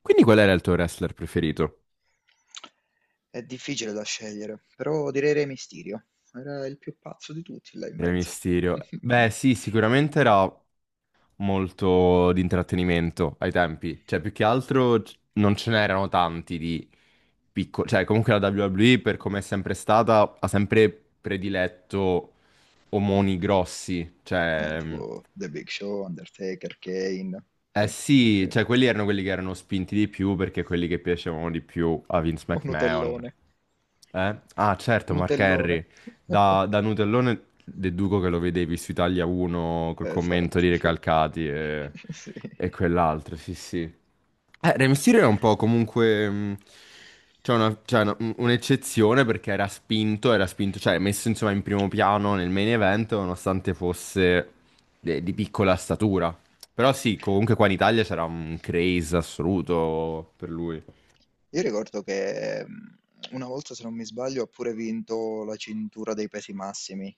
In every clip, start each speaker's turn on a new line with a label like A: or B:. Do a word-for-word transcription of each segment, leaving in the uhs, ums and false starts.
A: Quindi qual era il tuo wrestler preferito?
B: È difficile da scegliere, però direi Re Mysterio. Era il più pazzo di tutti là in
A: Rey
B: mezzo.
A: Mysterio. Beh, sì, sicuramente era molto di intrattenimento ai tempi. Cioè, più che altro c- non ce n'erano tanti di piccoli. Cioè, comunque la W W E, per come è sempre stata, ha sempre prediletto omoni grossi.
B: Eh,
A: Cioè.
B: tipo The Big Show, Undertaker, Kane.
A: Eh
B: Sì,
A: sì,
B: sì.
A: cioè quelli erano quelli che erano spinti di più perché quelli che piacevano di più a Vince
B: O
A: McMahon.
B: Nutellone.
A: Eh? Ah certo, Mark Henry,
B: Nutellone.
A: da, da Nutellone deduco che lo vedevi su Italia uno col commento
B: Esatto,
A: di
B: sì.
A: Recalcati e,
B: Sì.
A: e quell'altro, sì sì. Eh, Rey Mysterio è un po' comunque, mh, C'è una- c'è una- un- un'eccezione perché era spinto, era spinto, cioè messo insomma in primo piano nel main event nonostante fosse de- di piccola statura. Però sì, comunque qua in Italia c'era un craze assoluto per lui.
B: Io ricordo che mh, una volta, se non mi sbaglio, ha pure vinto la cintura dei pesi massimi.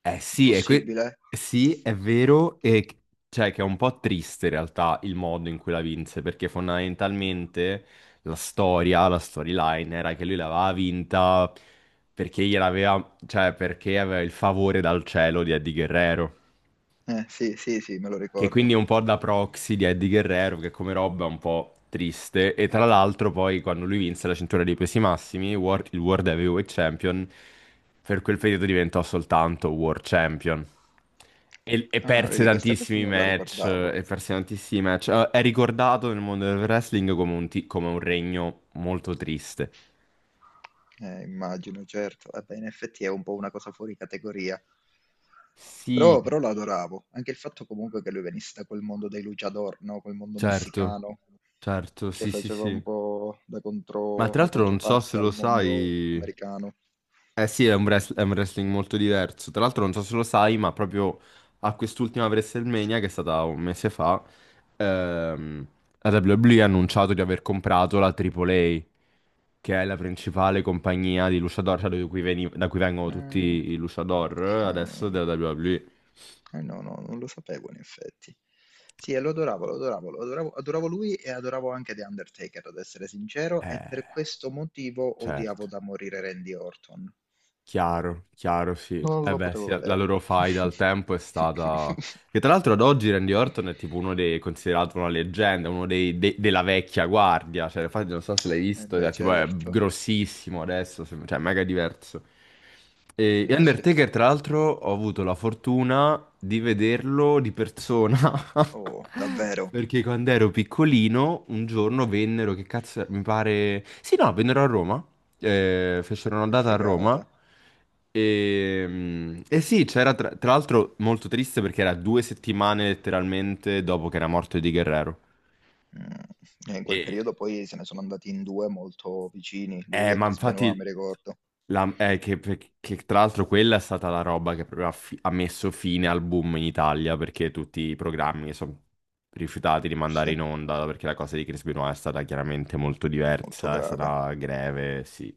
A: Eh
B: È
A: sì, è, que-
B: possibile?
A: sì, è vero, e c- cioè che è un po' triste in realtà il modo in cui la vinse, perché fondamentalmente la storia, la storyline era che lui l'aveva vinta perché gliel'aveva, cioè perché aveva il favore dal cielo di Eddie Guerrero.
B: Eh, sì, sì, sì, me lo
A: Che quindi
B: ricordo.
A: è un po' da proxy di Eddie Guerrero, che come roba è un po' triste. E tra l'altro poi quando lui vinse la cintura dei pesi massimi, Wor- il World Heavyweight Champion, per quel periodo diventò soltanto World Champion. E, e
B: Ah,
A: perse
B: vedi, questa cosa
A: tantissimi
B: non la
A: match,
B: ricordavo.
A: e perse tantissimi match. Eh, È ricordato nel mondo del wrestling come un, ti- come un regno molto triste.
B: Eh, immagino, certo. Eh beh, in effetti è un po' una cosa fuori categoria.
A: Sì,
B: Però, però lo adoravo. Anche il fatto comunque che lui venisse da quel mondo dei luchador, no? Quel mondo
A: certo,
B: messicano
A: certo,
B: che
A: sì, sì,
B: faceva un
A: sì.
B: po' da
A: Ma
B: contro-
A: tra
B: da
A: l'altro non so se
B: controparte
A: lo
B: al mondo
A: sai.
B: americano.
A: Eh sì, è un, wrest- è un wrestling molto diverso. Tra l'altro, non so se lo sai, ma proprio a quest'ultima WrestleMania, che è stata un mese fa, ehm, la W W E ha annunciato di aver comprato la tripla A, che è la principale compagnia di luchador, cioè da cui, veni- da cui vengono tutti
B: Ah,
A: i luchador
B: ok.
A: adesso della W W E.
B: Eh no, no, non lo sapevo in effetti. Sì, e lo adoravo, lo adoravo, lo adoravo, adoravo lui e adoravo anche The Undertaker, ad essere sincero, e
A: Eh,
B: per questo motivo
A: certo.
B: odiavo da morire Randy Orton.
A: Chiaro, chiaro, sì.
B: Non
A: Eh
B: lo
A: beh,
B: potevo
A: sì, la la
B: vedere.
A: loro faida al tempo è stata. Che tra l'altro ad oggi Randy Orton è tipo uno dei, considerato una leggenda, uno dei, de- della vecchia guardia. Cioè, infatti non so se l'hai
B: Eh
A: visto,
B: beh,
A: cioè, tipo è
B: certo,
A: grossissimo adesso, sem- cioè è mega diverso. E e
B: eh,
A: Undertaker,
B: certo.
A: tra l'altro, ho avuto la fortuna di vederlo di persona.
B: Oh, davvero,
A: Perché quando ero piccolino, un giorno vennero, che cazzo, mi pare. Sì, no, vennero a Roma. Eh, fecero una
B: è
A: data a Roma.
B: figata.
A: E, e sì, c'era tra, tra l'altro molto triste perché era due settimane letteralmente dopo che era morto Eddie Guerrero.
B: Mm. E in quel
A: E
B: periodo poi se ne sono andati in due molto vicini, lui
A: Eh,
B: e
A: ma
B: Chris Benoit, mi
A: infatti,
B: ricordo.
A: la- eh, che, che tra l'altro quella è stata la roba che proprio ha, fi- ha messo fine al boom in Italia perché tutti i programmi sono rifiutati di
B: Sì,
A: mandare in onda perché la cosa di Chris Benoit è stata chiaramente molto
B: molto
A: diversa, è
B: grave.
A: stata greve, sì.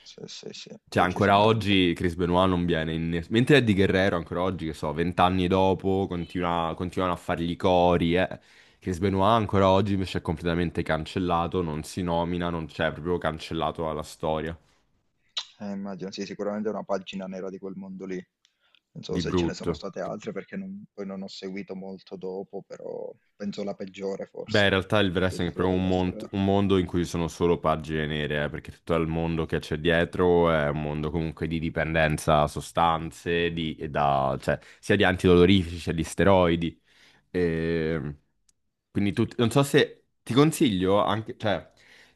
B: Sì, sì, sì,
A: Cioè, ancora
B: decisamente.
A: oggi Chris Benoit non viene in. ness- Mentre Eddie Guerrero, ancora oggi, che so, vent'anni dopo, continua- continuano a fargli i cori, eh. Chris Benoit ancora oggi invece è completamente cancellato, non si nomina, non c'è, è proprio cancellato dalla storia.
B: Eh, immagino, sì, sicuramente è una pagina nera di quel mondo lì. Non so
A: Di
B: se ce ne sono
A: brutto.
B: state altre perché non- poi non ho seguito molto dopo, però penso la peggiore
A: Beh, in
B: forse,
A: realtà il wrestling è
B: addirittura
A: proprio un,
B: della
A: mont-
B: storia.
A: un mondo in cui ci sono solo pagine nere, eh, perché tutto il mondo che c'è dietro è un mondo comunque di dipendenza a sostanze, di, e da- cioè, sia di antidolorifici, sia di steroidi. E quindi tu, non so se ti consiglio anche, cioè,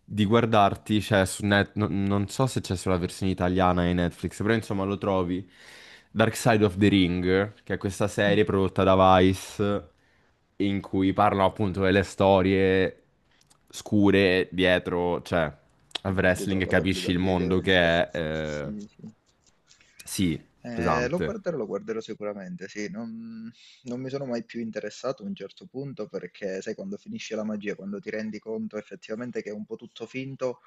A: di guardarti, cioè, su Net, non non so se c'è sulla versione italiana di Netflix, però insomma lo trovi. Dark Side of the Ring, che è questa
B: Mm.
A: serie prodotta da Vice, in cui parlano appunto delle storie scure dietro, cioè, al
B: Dietro
A: wrestling, e
B: alla
A: capisci il
B: WWE,
A: mondo
B: dietro il
A: che
B: tre.
A: è, eh,
B: Sì, sì.
A: sì,
B: Eh, lo
A: pesante.
B: guarderò, lo guarderò sicuramente, sì. Non, non mi sono mai più interessato a un certo punto perché, sai, quando finisce la magia, quando ti rendi conto effettivamente che è un po' tutto finto.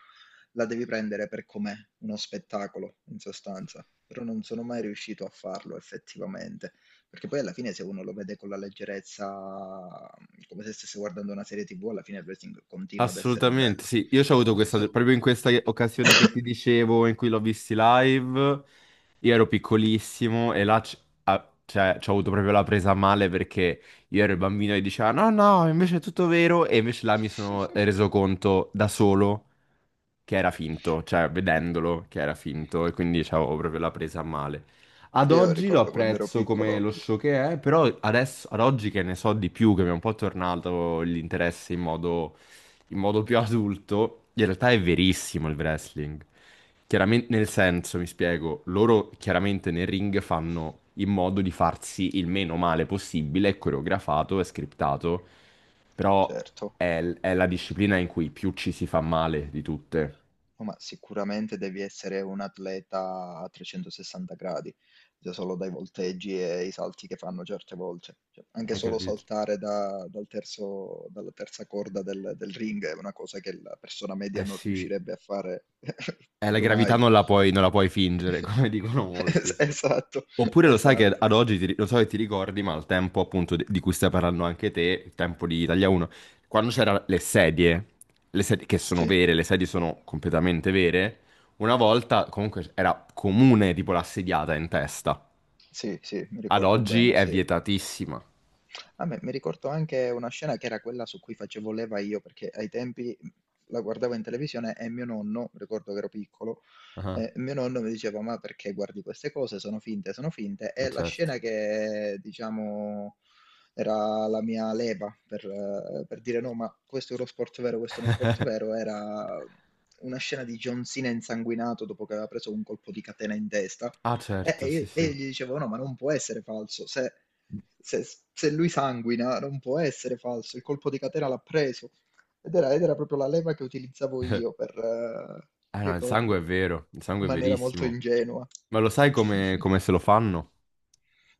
B: La devi prendere per com'è, uno spettacolo in sostanza, però non sono mai riuscito a farlo effettivamente, perché poi alla fine se uno lo vede con la leggerezza, come se stesse guardando una serie T V, alla fine il wrestling continua ad essere
A: Assolutamente,
B: bello.
A: sì. Io ci ho avuto questa,
B: Se-
A: proprio in questa occasione che ti dicevo, in cui l'ho visti live, io ero piccolissimo e là c- ah, cioè, ci ho avuto proprio la presa a male perché io ero il bambino e diceva no, no, invece è tutto vero e invece là mi sono reso conto da solo che era finto, cioè vedendolo che era finto e quindi avevo proprio la presa a male. Ad
B: Io
A: oggi lo
B: ricordo quando ero
A: apprezzo come
B: piccolo,
A: lo show che è, però adesso, ad oggi che ne so di più, che mi è un po' tornato l'interesse in modo in modo più adulto, in realtà è verissimo il wrestling. Chiaramente, nel senso, mi spiego, loro chiaramente nel ring fanno in modo di farsi il meno male possibile, è coreografato, è scriptato, però
B: certo.
A: è, è la disciplina in cui più ci si fa male di tutte.
B: No, ma sicuramente devi essere un atleta a trecentosessanta gradi, già solo dai volteggi e i salti che fanno certe volte. Cioè, anche
A: Hai
B: solo
A: capito?
B: saltare da- dal terzo- dalla terza corda del, del ring è una cosa che la persona media
A: Eh
B: non
A: sì,
B: riuscirebbe a fare
A: eh, la
B: proprio mai.
A: gravità non la puoi, non la puoi fingere, come dicono molti.
B: Es-
A: Cioè.
B: Esatto,
A: Oppure lo sai che
B: esatto.
A: ad oggi, ti ri- lo so che ti ricordi, ma al tempo appunto di di cui stai parlando anche te, il tempo di Italia uno, quando c'erano le sedie, le sedie che sono
B: Sì,
A: vere, le sedie sono completamente vere, una volta comunque era comune tipo l'assediata in testa.
B: sì, sì, mi
A: Ad
B: ricordo
A: oggi
B: bene,
A: è
B: sì.
A: vietatissima.
B: A me mi ricordo anche una scena che era quella su cui facevo leva io, perché ai tempi mhmm, la guardavo in televisione e mio nonno, ricordo che ero piccolo,
A: Ah,
B: eh, mio nonno mi diceva: "Ma perché guardi queste cose? Sono finte, sono finte."
A: eh
B: E la
A: certo.
B: scena che, diciamo, era la mia leva per, eh, per dire: "No, ma questo è uno sport vero, questo è uno sport vero", era una scena di John Cena insanguinato dopo che aveva preso un colpo di catena in testa.
A: Ah,
B: E,
A: certo,
B: e
A: sì,
B: io, e io
A: sì.
B: gli dicevo: "No, ma non può essere falso. Se se, se lui sanguina non può essere falso, il colpo di catena l'ha preso." Ed era, ed era proprio la leva che utilizzavo io per, eh,
A: Eh no, il sangue
B: ricordo,
A: è vero, il
B: in
A: sangue è
B: maniera molto
A: verissimo.
B: ingenua.
A: Ma lo sai come, come se lo fanno?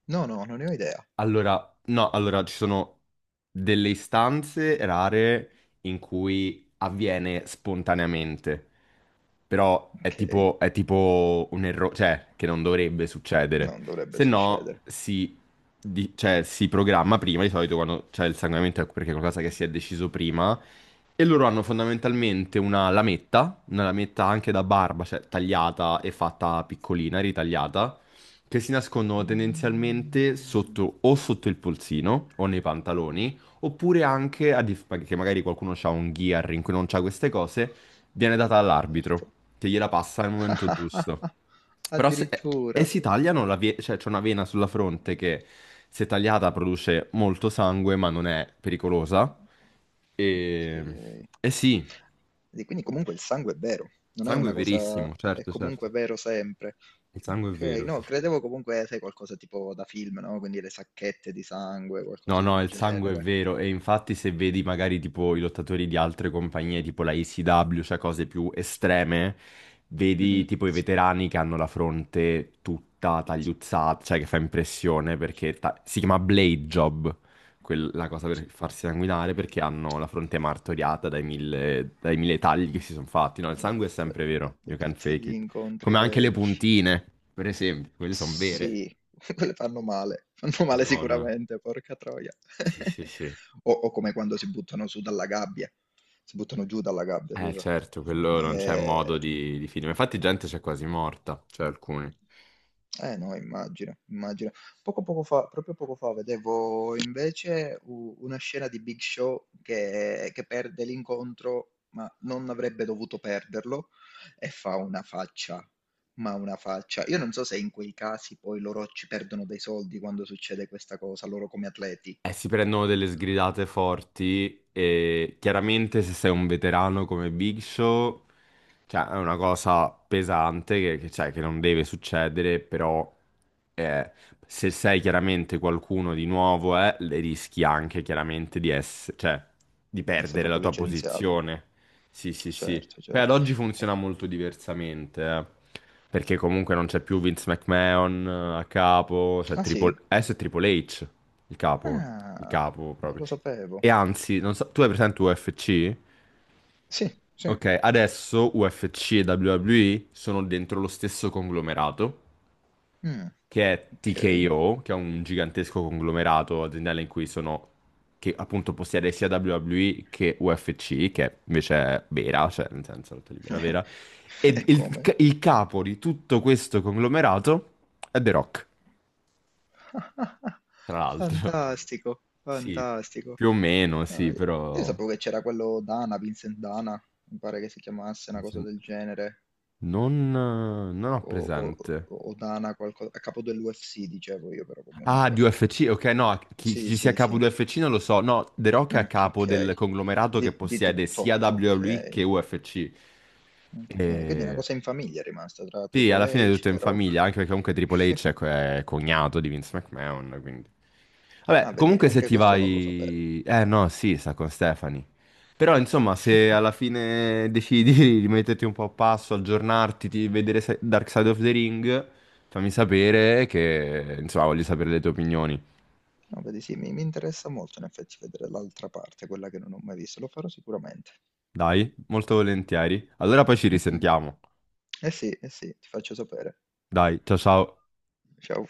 B: No, no, non ne ho idea.
A: Allora, no, allora ci sono delle istanze rare in cui avviene spontaneamente, però è
B: Ok,
A: tipo, è tipo un errore, cioè che non dovrebbe succedere.
B: non dovrebbe
A: Se no,
B: succedere.
A: si, di- cioè, si programma prima, di solito quando c'è il sanguinamento è perché è qualcosa che si è deciso prima, e loro hanno fondamentalmente una lametta, una lametta anche da barba, cioè tagliata e fatta piccolina, ritagliata che si nascondono tendenzialmente
B: Mm,
A: sotto o sotto il polsino o nei pantaloni, oppure anche a dif- che magari qualcuno ha un gear in cui non c'ha queste cose, viene data all'arbitro
B: certo.
A: che gliela passa al momento giusto. Però se eh, e
B: Addirittura.
A: si tagliano la vie- cioè c'è una vena sulla fronte che se tagliata produce molto sangue, ma non è pericolosa. E,
B: Okay.
A: e sì, il
B: E quindi comunque il sangue è vero, non è
A: sangue è
B: una cosa,
A: verissimo,
B: è
A: certo, certo.
B: comunque vero sempre.
A: Il sangue è
B: Okay,
A: vero, sì,
B: no,
A: sì.
B: credevo comunque, sai, qualcosa tipo da film, no, quindi le sacchette di sangue,
A: No,
B: qualcosa
A: no,
B: del
A: il sangue è
B: genere.
A: vero e infatti se vedi magari tipo i lottatori di altre compagnie, tipo la E C W, cioè cose più estreme, vedi
B: Mh-mh.
A: tipo i veterani che hanno la fronte tutta tagliuzzata, cioè che fa impressione perché ta- si chiama blade job, quel- la cosa per farsi sanguinare perché hanno la fronte martoriata dai mille, dai mille tagli che
B: Ehm,
A: si sono fatti. No, il
B: ehm,
A: sangue è sempre vero,
B: ehm,
A: you can
B: tutti
A: fake
B: gli
A: it.
B: incontri
A: Come anche le
B: vecchi.
A: puntine, per esempio, quelle sono vere.
B: Sì, quelle fanno male, fanno male
A: Madonna.
B: sicuramente, porca troia.
A: Sì, sì, sì.
B: O, o come quando si buttano su dalla gabbia, si buttano giù dalla gabbia,
A: Eh
B: scusa.
A: certo, quello non c'è modo
B: Eh,
A: di, di finire. Infatti gente c'è quasi morta, cioè alcuni.
B: eh no, immagino, immagino. Poco poco fa proprio poco fa vedevo invece u una scena di Big Show che che perde l'incontro, ma non avrebbe dovuto perderlo, e fa una faccia, ma una faccia. Io non so se in quei casi poi loro ci perdono dei soldi quando succede questa cosa, loro come atleti.
A: Eh, si prendono delle sgridate forti e chiaramente se sei un veterano come Big Show, cioè è una cosa pesante che, che, cioè, che non deve succedere, però eh, se sei chiaramente qualcuno di nuovo, eh, le rischi anche chiaramente di essere, cioè di
B: Sei
A: perdere la
B: proprio
A: tua
B: licenziato.
A: posizione. Sì, sì, sì.
B: Certo,
A: Beh, ad
B: certo.
A: oggi
B: Eh,
A: funziona molto diversamente, eh, perché comunque non c'è più Vince McMahon eh, a capo, c'è
B: ah
A: Triple...
B: sì?
A: adesso è Triple H, il capo, il
B: Ah,
A: capo
B: non
A: proprio.
B: lo sapevo.
A: E anzi, non so, tu hai presente U F C?
B: Sì, sì.
A: Ok, adesso U F C e W W E sono dentro lo stesso conglomerato
B: Mh,
A: che è
B: okay.
A: T K O, che è un gigantesco conglomerato aziendale in cui sono, che appunto possiede sia W W E che U F C, che invece è vera, cioè nel senso lotta libera vera,
B: E
A: e il,
B: come?
A: il capo di tutto questo conglomerato è The Rock, tra l'altro.
B: Fantastico,
A: Sì,
B: fantastico.
A: più o meno,
B: No,
A: sì,
B: io io
A: però
B: sapevo che c'era quello Dana, Vincent Dana, mi pare che si chiamasse una cosa del genere,
A: non, non ho
B: o,
A: presente.
B: o- o Dana, qualcosa, a capo dell'U F C dicevo io però
A: Ah, di
B: comunque.
A: U F C, ok, no, chi, chi
B: Sì,
A: ci sia
B: sì,
A: capo
B: sì.
A: di U F C non lo so. No, The Rock è a
B: Mm,
A: capo
B: ok,
A: del conglomerato che
B: di, di
A: possiede
B: tutto,
A: sia W W E
B: ok.
A: che U F C.
B: Ok, quindi una
A: E...
B: cosa in famiglia è rimasta tra
A: Sì, alla
B: Triple
A: fine è
B: H,
A: tutto in
B: The
A: famiglia,
B: Rock.
A: anche perché comunque Triple H è, co- è cognato di Vince McMahon, quindi. Vabbè,
B: Ah, vedi,
A: comunque se
B: anche
A: ti
B: questo non lo sapevo.
A: vai. Eh no, sì, sta con Stephanie. Però insomma, se alla fine decidi di metterti un po' a passo, aggiornarti, di vedere se- Dark Side of the Ring, fammi sapere che. Insomma, voglio sapere le tue opinioni.
B: No, vedi, sì, mi mi interessa molto in effetti vedere l'altra parte, quella che non ho mai visto, lo farò sicuramente.
A: Dai, molto volentieri. Allora poi ci
B: Mhm.
A: risentiamo.
B: Eh sì, eh sì, ti faccio sapere.
A: Dai, ciao ciao.
B: Ciao.